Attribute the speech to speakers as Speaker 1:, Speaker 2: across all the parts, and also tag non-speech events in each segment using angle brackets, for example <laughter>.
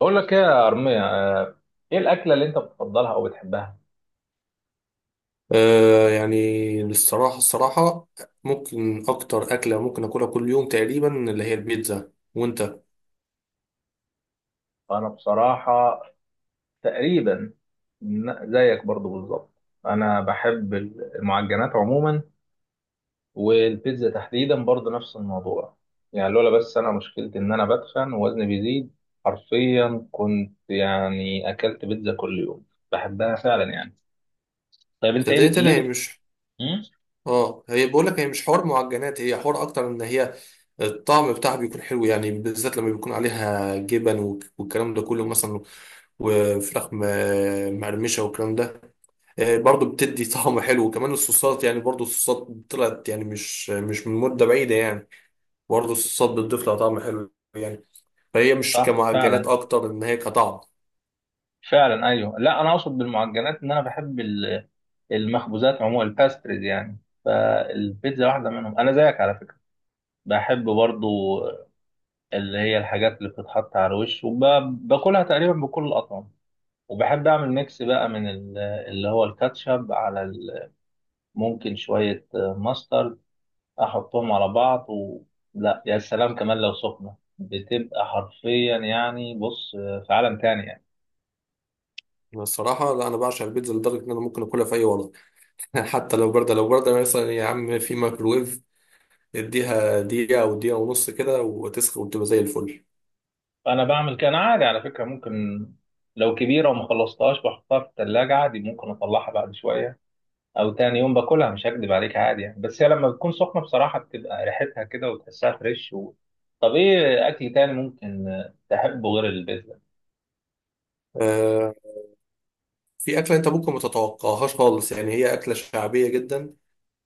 Speaker 1: بقول لك ايه يا أرمية آه، ايه الأكلة اللي انت بتفضلها او بتحبها؟
Speaker 2: آه، يعني الصراحة ممكن أكتر أكلة ممكن أكلها كل يوم تقريبا، اللي هي البيتزا. وأنت؟
Speaker 1: انا بصراحة تقريبا زيك برضو بالظبط. انا بحب المعجنات عموما، والبيتزا تحديدا برضو نفس الموضوع. يعني لولا بس انا مشكلتي ان انا بتخن ووزني بيزيد، حرفيا كنت يعني اكلت بيتزا كل يوم. بحبها فعلا يعني. طيب انت
Speaker 2: صدقني، أنا
Speaker 1: ليه
Speaker 2: هي
Speaker 1: بت...
Speaker 2: مش
Speaker 1: مم؟
Speaker 2: آه هي بقول لك هي مش حوار معجنات، هي حوار أكتر إن هي الطعم بتاعها بيكون حلو يعني، بالذات لما بيكون عليها جبن والكلام ده كله مثلا، وفراخ مقرمشة والكلام ده. برضو بتدي طعم حلو، وكمان الصوصات يعني، برضو الصوصات طلعت يعني مش من مدة بعيدة يعني. برضو الصوصات بتضيف لها طعم حلو يعني. فهي مش
Speaker 1: صح
Speaker 2: كمعجنات،
Speaker 1: فعلا.
Speaker 2: اكتر ان هي كطعم.
Speaker 1: فعلا ايوه، لا انا اقصد بالمعجنات ان انا بحب المخبوزات عموما، الباستريز يعني. فالبيتزا واحده منهم، انا زيك على فكره بحب برضو، اللي هي الحاجات اللي بتتحط على الوش وباكلها تقريبا بكل الاطعمه. وبحب اعمل ميكس بقى من اللي هو الكاتشب على ممكن شويه ماسترد، احطهم على بعض و... لا يا سلام، كمان لو سخنه بتبقى حرفيا، يعني بص في عالم تاني يعني.
Speaker 2: أنا الصراحه لا، انا بعشق البيتزا لدرجه ان انا ممكن اكلها في اي وضع. <laughs> حتى لو بارده، لو بارده مثلا يا عم، في ميكروويف اديها دقيقه او دقيقه ونص كده، وتسخن وتبقى زي الفل.
Speaker 1: انا بعمل كده، انا عادي على فكره. ممكن لو كبيره وما خلصتهاش بحطها في الثلاجه عادي، ممكن اطلعها بعد شويه او تاني يوم باكلها، مش هكدب عليك عادي يعني. بس هي لما بتكون سخنه بصراحه بتبقى ريحتها كده وتحسها فريش و... طب ايه اكل تاني ممكن تحبه غير البيتزا؟
Speaker 2: آه، في اكله انت ممكن ما تتوقعهاش خالص يعني، هي اكله شعبيه جدا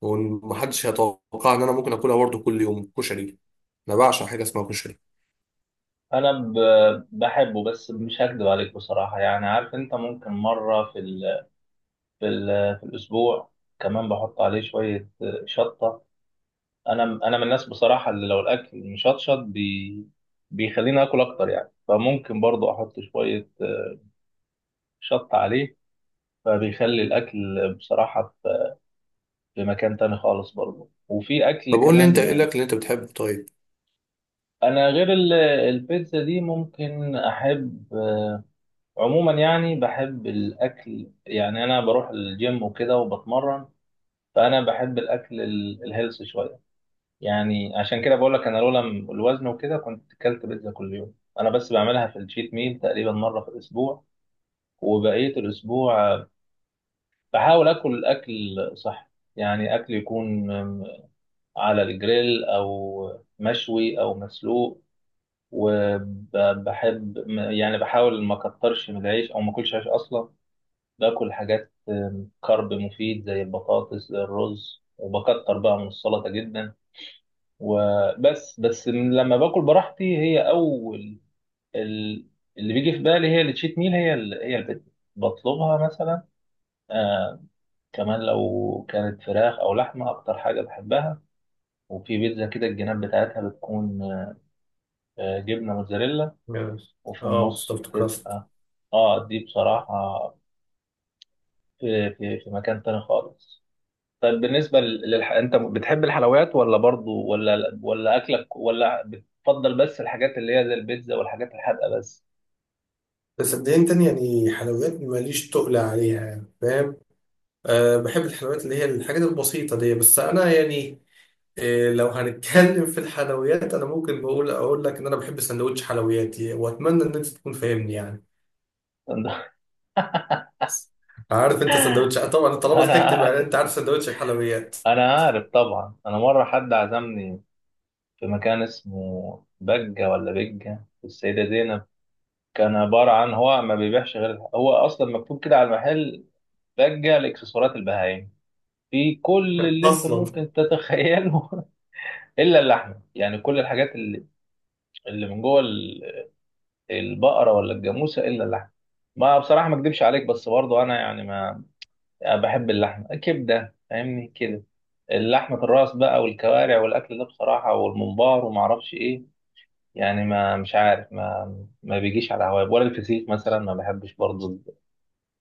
Speaker 2: ومحدش هيتوقع ان انا ممكن اكلها برضه كل يوم: كشري. انا بعشق حاجه اسمها كشري.
Speaker 1: انا ب... بحبه، بس مش هكدب عليك بصراحه يعني. عارف انت ممكن مره في في, في الاسبوع، كمان بحط عليه شويه شطه. انا من الناس بصراحه اللي لو الاكل مشطشط بيخليني اكل اكتر يعني. فممكن برضو احط شويه شط عليه، فبيخلي الاكل بصراحه في في مكان تاني خالص برضو. وفي اكل
Speaker 2: طب قول لي انت
Speaker 1: كمان،
Speaker 2: ايه الاكل اللي انت بتحبه؟ طيب.
Speaker 1: انا غير البيتزا دي ممكن احب عموما يعني. بحب الاكل يعني، انا بروح الجيم وكده وبتمرن، فانا بحب الاكل الهيلث شويه. يعني عشان كده بقول لك انا لولا الوزن وكده كنت اكلت بيتزا كل يوم. انا بس بعملها في الشيت ميل تقريبا مره في الاسبوع، وبقيه الاسبوع بحاول اكل اكل صحي. يعني اكل يكون على الجريل او مشوي او مسلوق. وبحب يعني بحاول ما اكترش من العيش او ما اكلش عيش اصلا، باكل حاجات كارب مفيد زي البطاطس، زي الرز، وبكتر بقى من السلطه جدا. وبس من لما باكل براحتي، هي اول ال- اللي بيجي في بالي هي التشيت ميل، هي هي البيتزا، بطلبها مثلا. آه، كمان لو كانت فراخ او لحمه اكتر حاجه بحبها. وفي بيتزا كده الجناب بتاعتها بتكون آه جبنه موتزاريلا،
Speaker 2: يعني،
Speaker 1: وفي
Speaker 2: اه،
Speaker 1: النص
Speaker 2: ستافت كراست.
Speaker 1: بتبقى اه دي بصراحه في في مكان تاني خالص. طيب بالنسبة انت بتحب الحلويات ولا برضو، ولا ولا اكلك ولا بتفضل بس الحاجات اللي هي زي البيتزا والحاجات الحادقة بس؟
Speaker 2: بس صدقني تاني يعني، حلويات ماليش تقل عليها يعني، فاهم؟ أه، بحب الحلويات اللي هي الحاجات البسيطة دي، بس أنا يعني أه، لو هنتكلم في الحلويات أنا ممكن أقول لك إن أنا بحب سندوتش حلوياتي، وأتمنى إن أنت تكون فاهمني يعني.
Speaker 1: <laughs> انا
Speaker 2: عارف أنت سندوتش؟ آه، طبعا طالما ضحكت يبقى
Speaker 1: عارف.
Speaker 2: أنت عارف سندوتش الحلويات.
Speaker 1: انا عارف طبعا. انا مرة حد عزمني في مكان اسمه بجة، ولا بجة في السيدة زينب، كان عبارة عن هو ما بيبيعش غير، هو اصلا مكتوب كده على المحل بجة لاكسسوارات البهايم، في كل
Speaker 2: <laughs>
Speaker 1: اللي انت
Speaker 2: أصلا.
Speaker 1: ممكن تتخيله <laughs> الا اللحمه يعني. كل الحاجات اللي اللي من جوه البقرة ولا الجاموسة إلا اللحم. ما بصراحة ما أكدبش عليك، بس برضو أنا يعني ما بحب اللحمة كبدة فاهمني كده، اللحمة الراس بقى والكوارع والأكل ده بصراحة والممبار وما أعرفش إيه. يعني ما مش عارف، ما ما بيجيش على هواي. ولا الفسيخ مثلا ما بحبش برضو،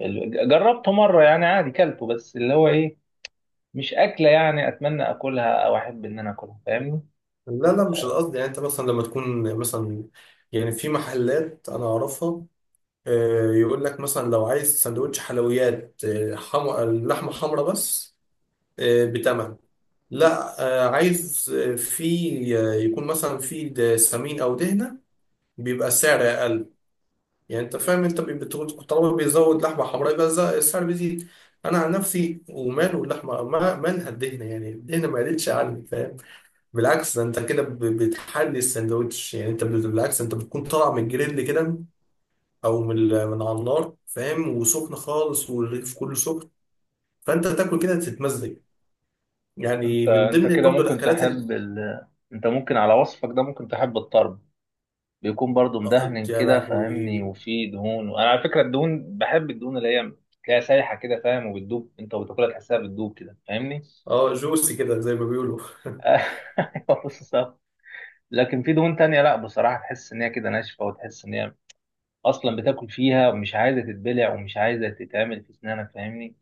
Speaker 1: جربته مرة يعني عادي كلته بس اللي هو إيه، مش أكلة يعني أتمنى أكلها أو أحب إن أنا أكلها، فاهمني.
Speaker 2: لا لا، مش القصد يعني، أنت مثلا لما تكون مثلا، يعني في محلات أنا أعرفها. أه، يقول لك مثلا لو عايز سندوتش حلويات، أه، لحمة حمرا بس. بتمن، لا، عايز في يكون مثلا في سمين او دهنه، بيبقى السعر اقل. يعني انت فاهم، انت طالما بيزود لحمه حمراء يبقى السعر بيزيد. انا عن نفسي، وماله اللحمه مالها الدهنه، يعني الدهنه ما قلتش عني، فاهم؟ بالعكس، ده انت كده بتحلي الساندوتش يعني، انت بالعكس انت بتكون طالع من الجريل كده، او من من على النار، فاهم، وسخن خالص والرغيف كله سخن. فانت تاكل كده تتمزج
Speaker 1: أنت
Speaker 2: يعني. من
Speaker 1: أنت
Speaker 2: ضمن
Speaker 1: كده
Speaker 2: برضو
Speaker 1: ممكن
Speaker 2: الاكلات
Speaker 1: تحب أنت ممكن على وصفك ده ممكن تحب الطرب، بيكون برضو
Speaker 2: آه،
Speaker 1: مدهن
Speaker 2: يا
Speaker 1: كده فاهمني
Speaker 2: لهوي!
Speaker 1: وفيه دهون. وانا على فكره الدهون، بحب الدهون اللي هي تلاقيها سايحه كده فاهم، وبتدوب انت وبتاكلها تحسها بتدوب كده فاهمني.
Speaker 2: اه، جوسي كده زي ما بيقولوا. <laughs>
Speaker 1: <laughs> ايوه بالظبط. لكن في دهون تانية لا بصراحه، تحس ان هي كده ناشفه وتحس ان هي اصلا بتاكل فيها ومش عايزه تتبلع ومش عايزه تتعمل في اسنانك فاهمني.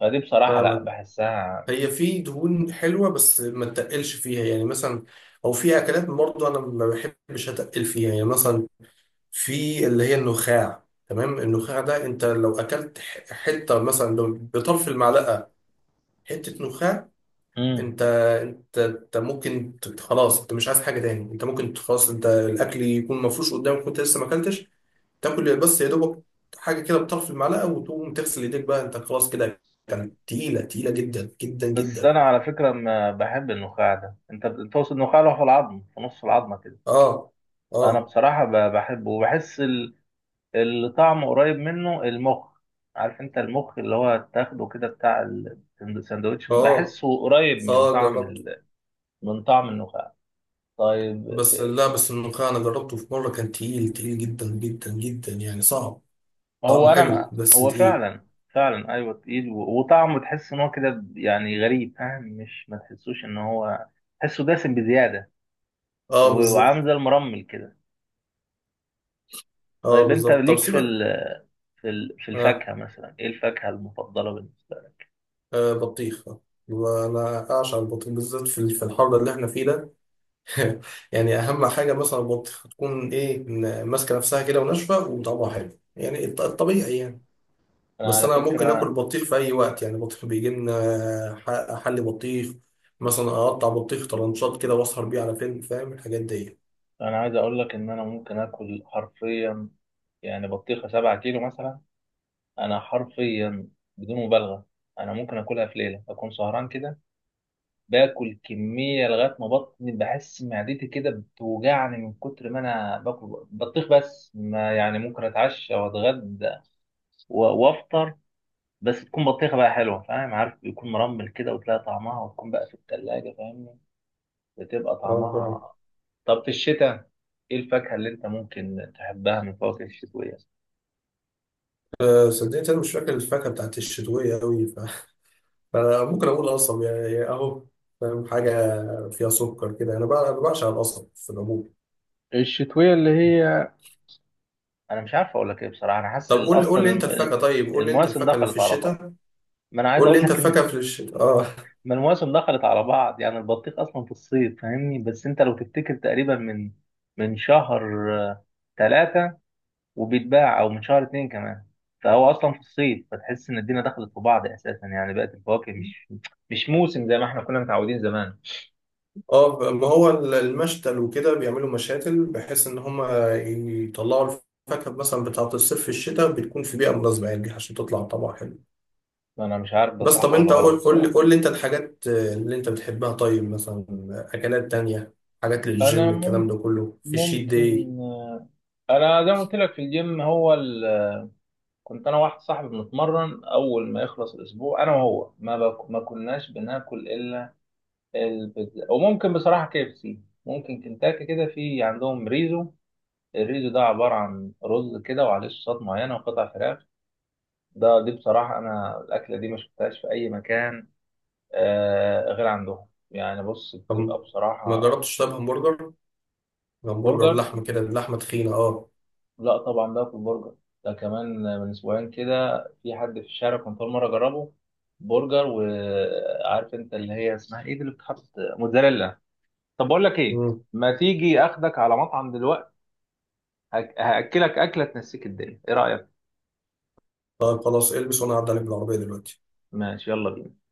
Speaker 1: فدي بصراحه لا
Speaker 2: فاهمك.
Speaker 1: بحسها.
Speaker 2: هي في دهون حلوه بس ما تقلش فيها، يعني مثلا، او في اكلات برضه انا ما بحبش اتقل فيها، يعني مثلا في اللي هي النخاع. تمام، النخاع ده انت لو اكلت حته مثلا لو بطرف المعلقه، حته نخاع.
Speaker 1: امم.
Speaker 2: انت انت ممكن خلاص، انت مش عايز حاجه تاني، انت ممكن خلاص، انت الاكل يكون مفروش قدامك وانت لسه ما اكلتش، تاكل بس يا دوبك حاجه كده بطرف المعلقه، وتقوم تغسل ايديك بقى، انت خلاص كده. كانت تقيله، تقيله جدا جدا
Speaker 1: بس
Speaker 2: جدا.
Speaker 1: انا على فكره ما بحب النخاع ده، انت بتوصل النخاع له في العظم في نص العظمه كده،
Speaker 2: اه.
Speaker 1: انا
Speaker 2: اه.
Speaker 1: بصراحه بحبه، وبحس اللي طعمه قريب منه المخ. عارف انت المخ اللي هو تاخده كده بتاع السندوتش،
Speaker 2: اه.
Speaker 1: بحسه قريب من
Speaker 2: اه،
Speaker 1: طعم
Speaker 2: جربته.
Speaker 1: من طعم النخاع. طيب
Speaker 2: بس لا، بس الملوخيه انا جربته في مره، كان تقيل تقيل جدا جدا جدا يعني، صعب.
Speaker 1: هو
Speaker 2: طعمه
Speaker 1: انا
Speaker 2: حلو
Speaker 1: ما...
Speaker 2: بس
Speaker 1: هو
Speaker 2: تقيل.
Speaker 1: فعلا فعلا ايوه تقيل و... وطعمه تحس ان هو كده يعني غريب فاهم، مش ما تحسوش ان هو تحسه دسم بزياده
Speaker 2: اه،
Speaker 1: و... وعامل
Speaker 2: بالظبط.
Speaker 1: زي المرمل كده.
Speaker 2: اه،
Speaker 1: طيب انت
Speaker 2: بالظبط، طب
Speaker 1: ليك في
Speaker 2: سيبك.
Speaker 1: في في
Speaker 2: آه.
Speaker 1: الفاكهه مثلا، ايه الفاكهه المفضله بالنسبه لك؟
Speaker 2: آه، بطيخ. آه. وانا اعشق البطيخ بالذات في الحر اللي احنا فيه ده. <laughs> يعني، اهم حاجه مثلا البطيخه تكون ايه، ماسكه نفسها كده وناشفه وطعمها حلو يعني، الطبيعي يعني.
Speaker 1: انا
Speaker 2: بس
Speaker 1: على
Speaker 2: انا ممكن اكل
Speaker 1: فكره،
Speaker 2: بطيخ في اي وقت يعني، بطيخ بيجي لنا حل بطيخ، مثلا اقطع بطيخ طرنشات كده واسهر بيه على فيلم، فاهم؟ الحاجات دي.
Speaker 1: انا عايز اقول لك ان انا ممكن اكل حرفيا يعني بطيخة 7 كيلو مثلا. أنا حرفيا بدون مبالغة أنا ممكن آكلها في ليلة أكون سهران كده، باكل كمية لغاية ما بطني بحس معدتي كده بتوجعني من كتر ما أنا باكل بطيخ. بس ما يعني ممكن أتعشى وأتغدى وأفطر، بس تكون بطيخة بقى حلوة فاهم، عارف يكون مرمل كده وتلاقي طعمها وتكون بقى في التلاجة فاهمني، بتبقى
Speaker 2: اه فعلا.
Speaker 1: طعمها. طب في الشتاء إيه الفاكهة اللي أنت ممكن تحبها من الفواكه الشتوية؟
Speaker 2: صدقني انا مش فاكر الفاكهه بتاعت الشتويه قوي. <laughs> فممكن اقول قصب يعني اهو، فاهم، حاجه فيها سكر كده. أنا بعشق القصب في العموم.
Speaker 1: الشتوية اللي هي انا مش عارف اقول لك ايه بصراحه. انا حاسس
Speaker 2: طب قول لي
Speaker 1: اصلا
Speaker 2: قول لي انت الفاكهه، طيب، قول لي انت
Speaker 1: المواسم
Speaker 2: الفاكهه اللي في
Speaker 1: دخلت على بعض.
Speaker 2: الشتاء.
Speaker 1: ما انا عايز
Speaker 2: قول لي
Speaker 1: اقول
Speaker 2: انت
Speaker 1: لك ان
Speaker 2: فاكهة في الشتاء، اه.
Speaker 1: ما المواسم دخلت على بعض يعني، البطيخ اصلا في الصيف فاهمني. بس انت لو تفتكر تقريبا من شهر 3 وبيتباع، او من شهر 2 كمان، فهو اصلا في الصيف، فتحس ان الدنيا دخلت في بعض اساسا يعني. بقت الفواكه مش موسم زي ما احنا كنا متعودين زمان.
Speaker 2: اه، ما هو المشتل وكده بيعملوا مشاتل بحيث ان هم يطلعوا الفاكهة مثلا بتاعة الصيف في الشتاء، بتكون في بيئة مناسبة، يعني عشان تطلع طبعا حلو.
Speaker 1: انا مش عارف ده
Speaker 2: بس
Speaker 1: صح
Speaker 2: طب
Speaker 1: ولا
Speaker 2: انت
Speaker 1: غلط
Speaker 2: قول قول لي
Speaker 1: بصراحه.
Speaker 2: قول لي انت الحاجات اللي انت بتحبها، طيب مثلا، اكلات تانية، حاجات
Speaker 1: انا
Speaker 2: للجيم، الكلام
Speaker 1: مم-
Speaker 2: ده كله في الشيت داي.
Speaker 1: ممكن انا زي ما قلت لك في الجيم. هو كنت انا واحد صاحبي بنتمرن، اول ما يخلص الاسبوع انا وهو ما كناش بناكل الا البيتزا، وممكن بصراحه KFC. ممكن كنتاكي كده في عندهم ريزو، الريزو ده عباره عن رز كده وعليه صوصات معينه وقطع فراخ. دي بصراحه انا الاكله دي ما شفتهاش في اي مكان آه غير عندهم. يعني بص
Speaker 2: طب
Speaker 1: بتبقى
Speaker 2: ما
Speaker 1: بصراحه
Speaker 2: جربتش؟ طب همبرجر، همبرجر
Speaker 1: برجر.
Speaker 2: لحمة كده، اللحمة تخينة، اه.
Speaker 1: لا طبعا ده في البرجر، ده كمان من اسبوعين كده في حد في الشارع كنت اول مره اجربه برجر، وعارف انت اللي هي اسمها ايه دي اللي بتحط موتزاريلا. طب بقول لك ايه،
Speaker 2: مم.
Speaker 1: ما تيجي اخدك على مطعم دلوقتي، هاكلك اكله تنسيك الدنيا، ايه رايك؟
Speaker 2: طيب خلاص، البس وانا هعدي عليك بالعربية دلوقتي.
Speaker 1: ماشي، يلا بينا.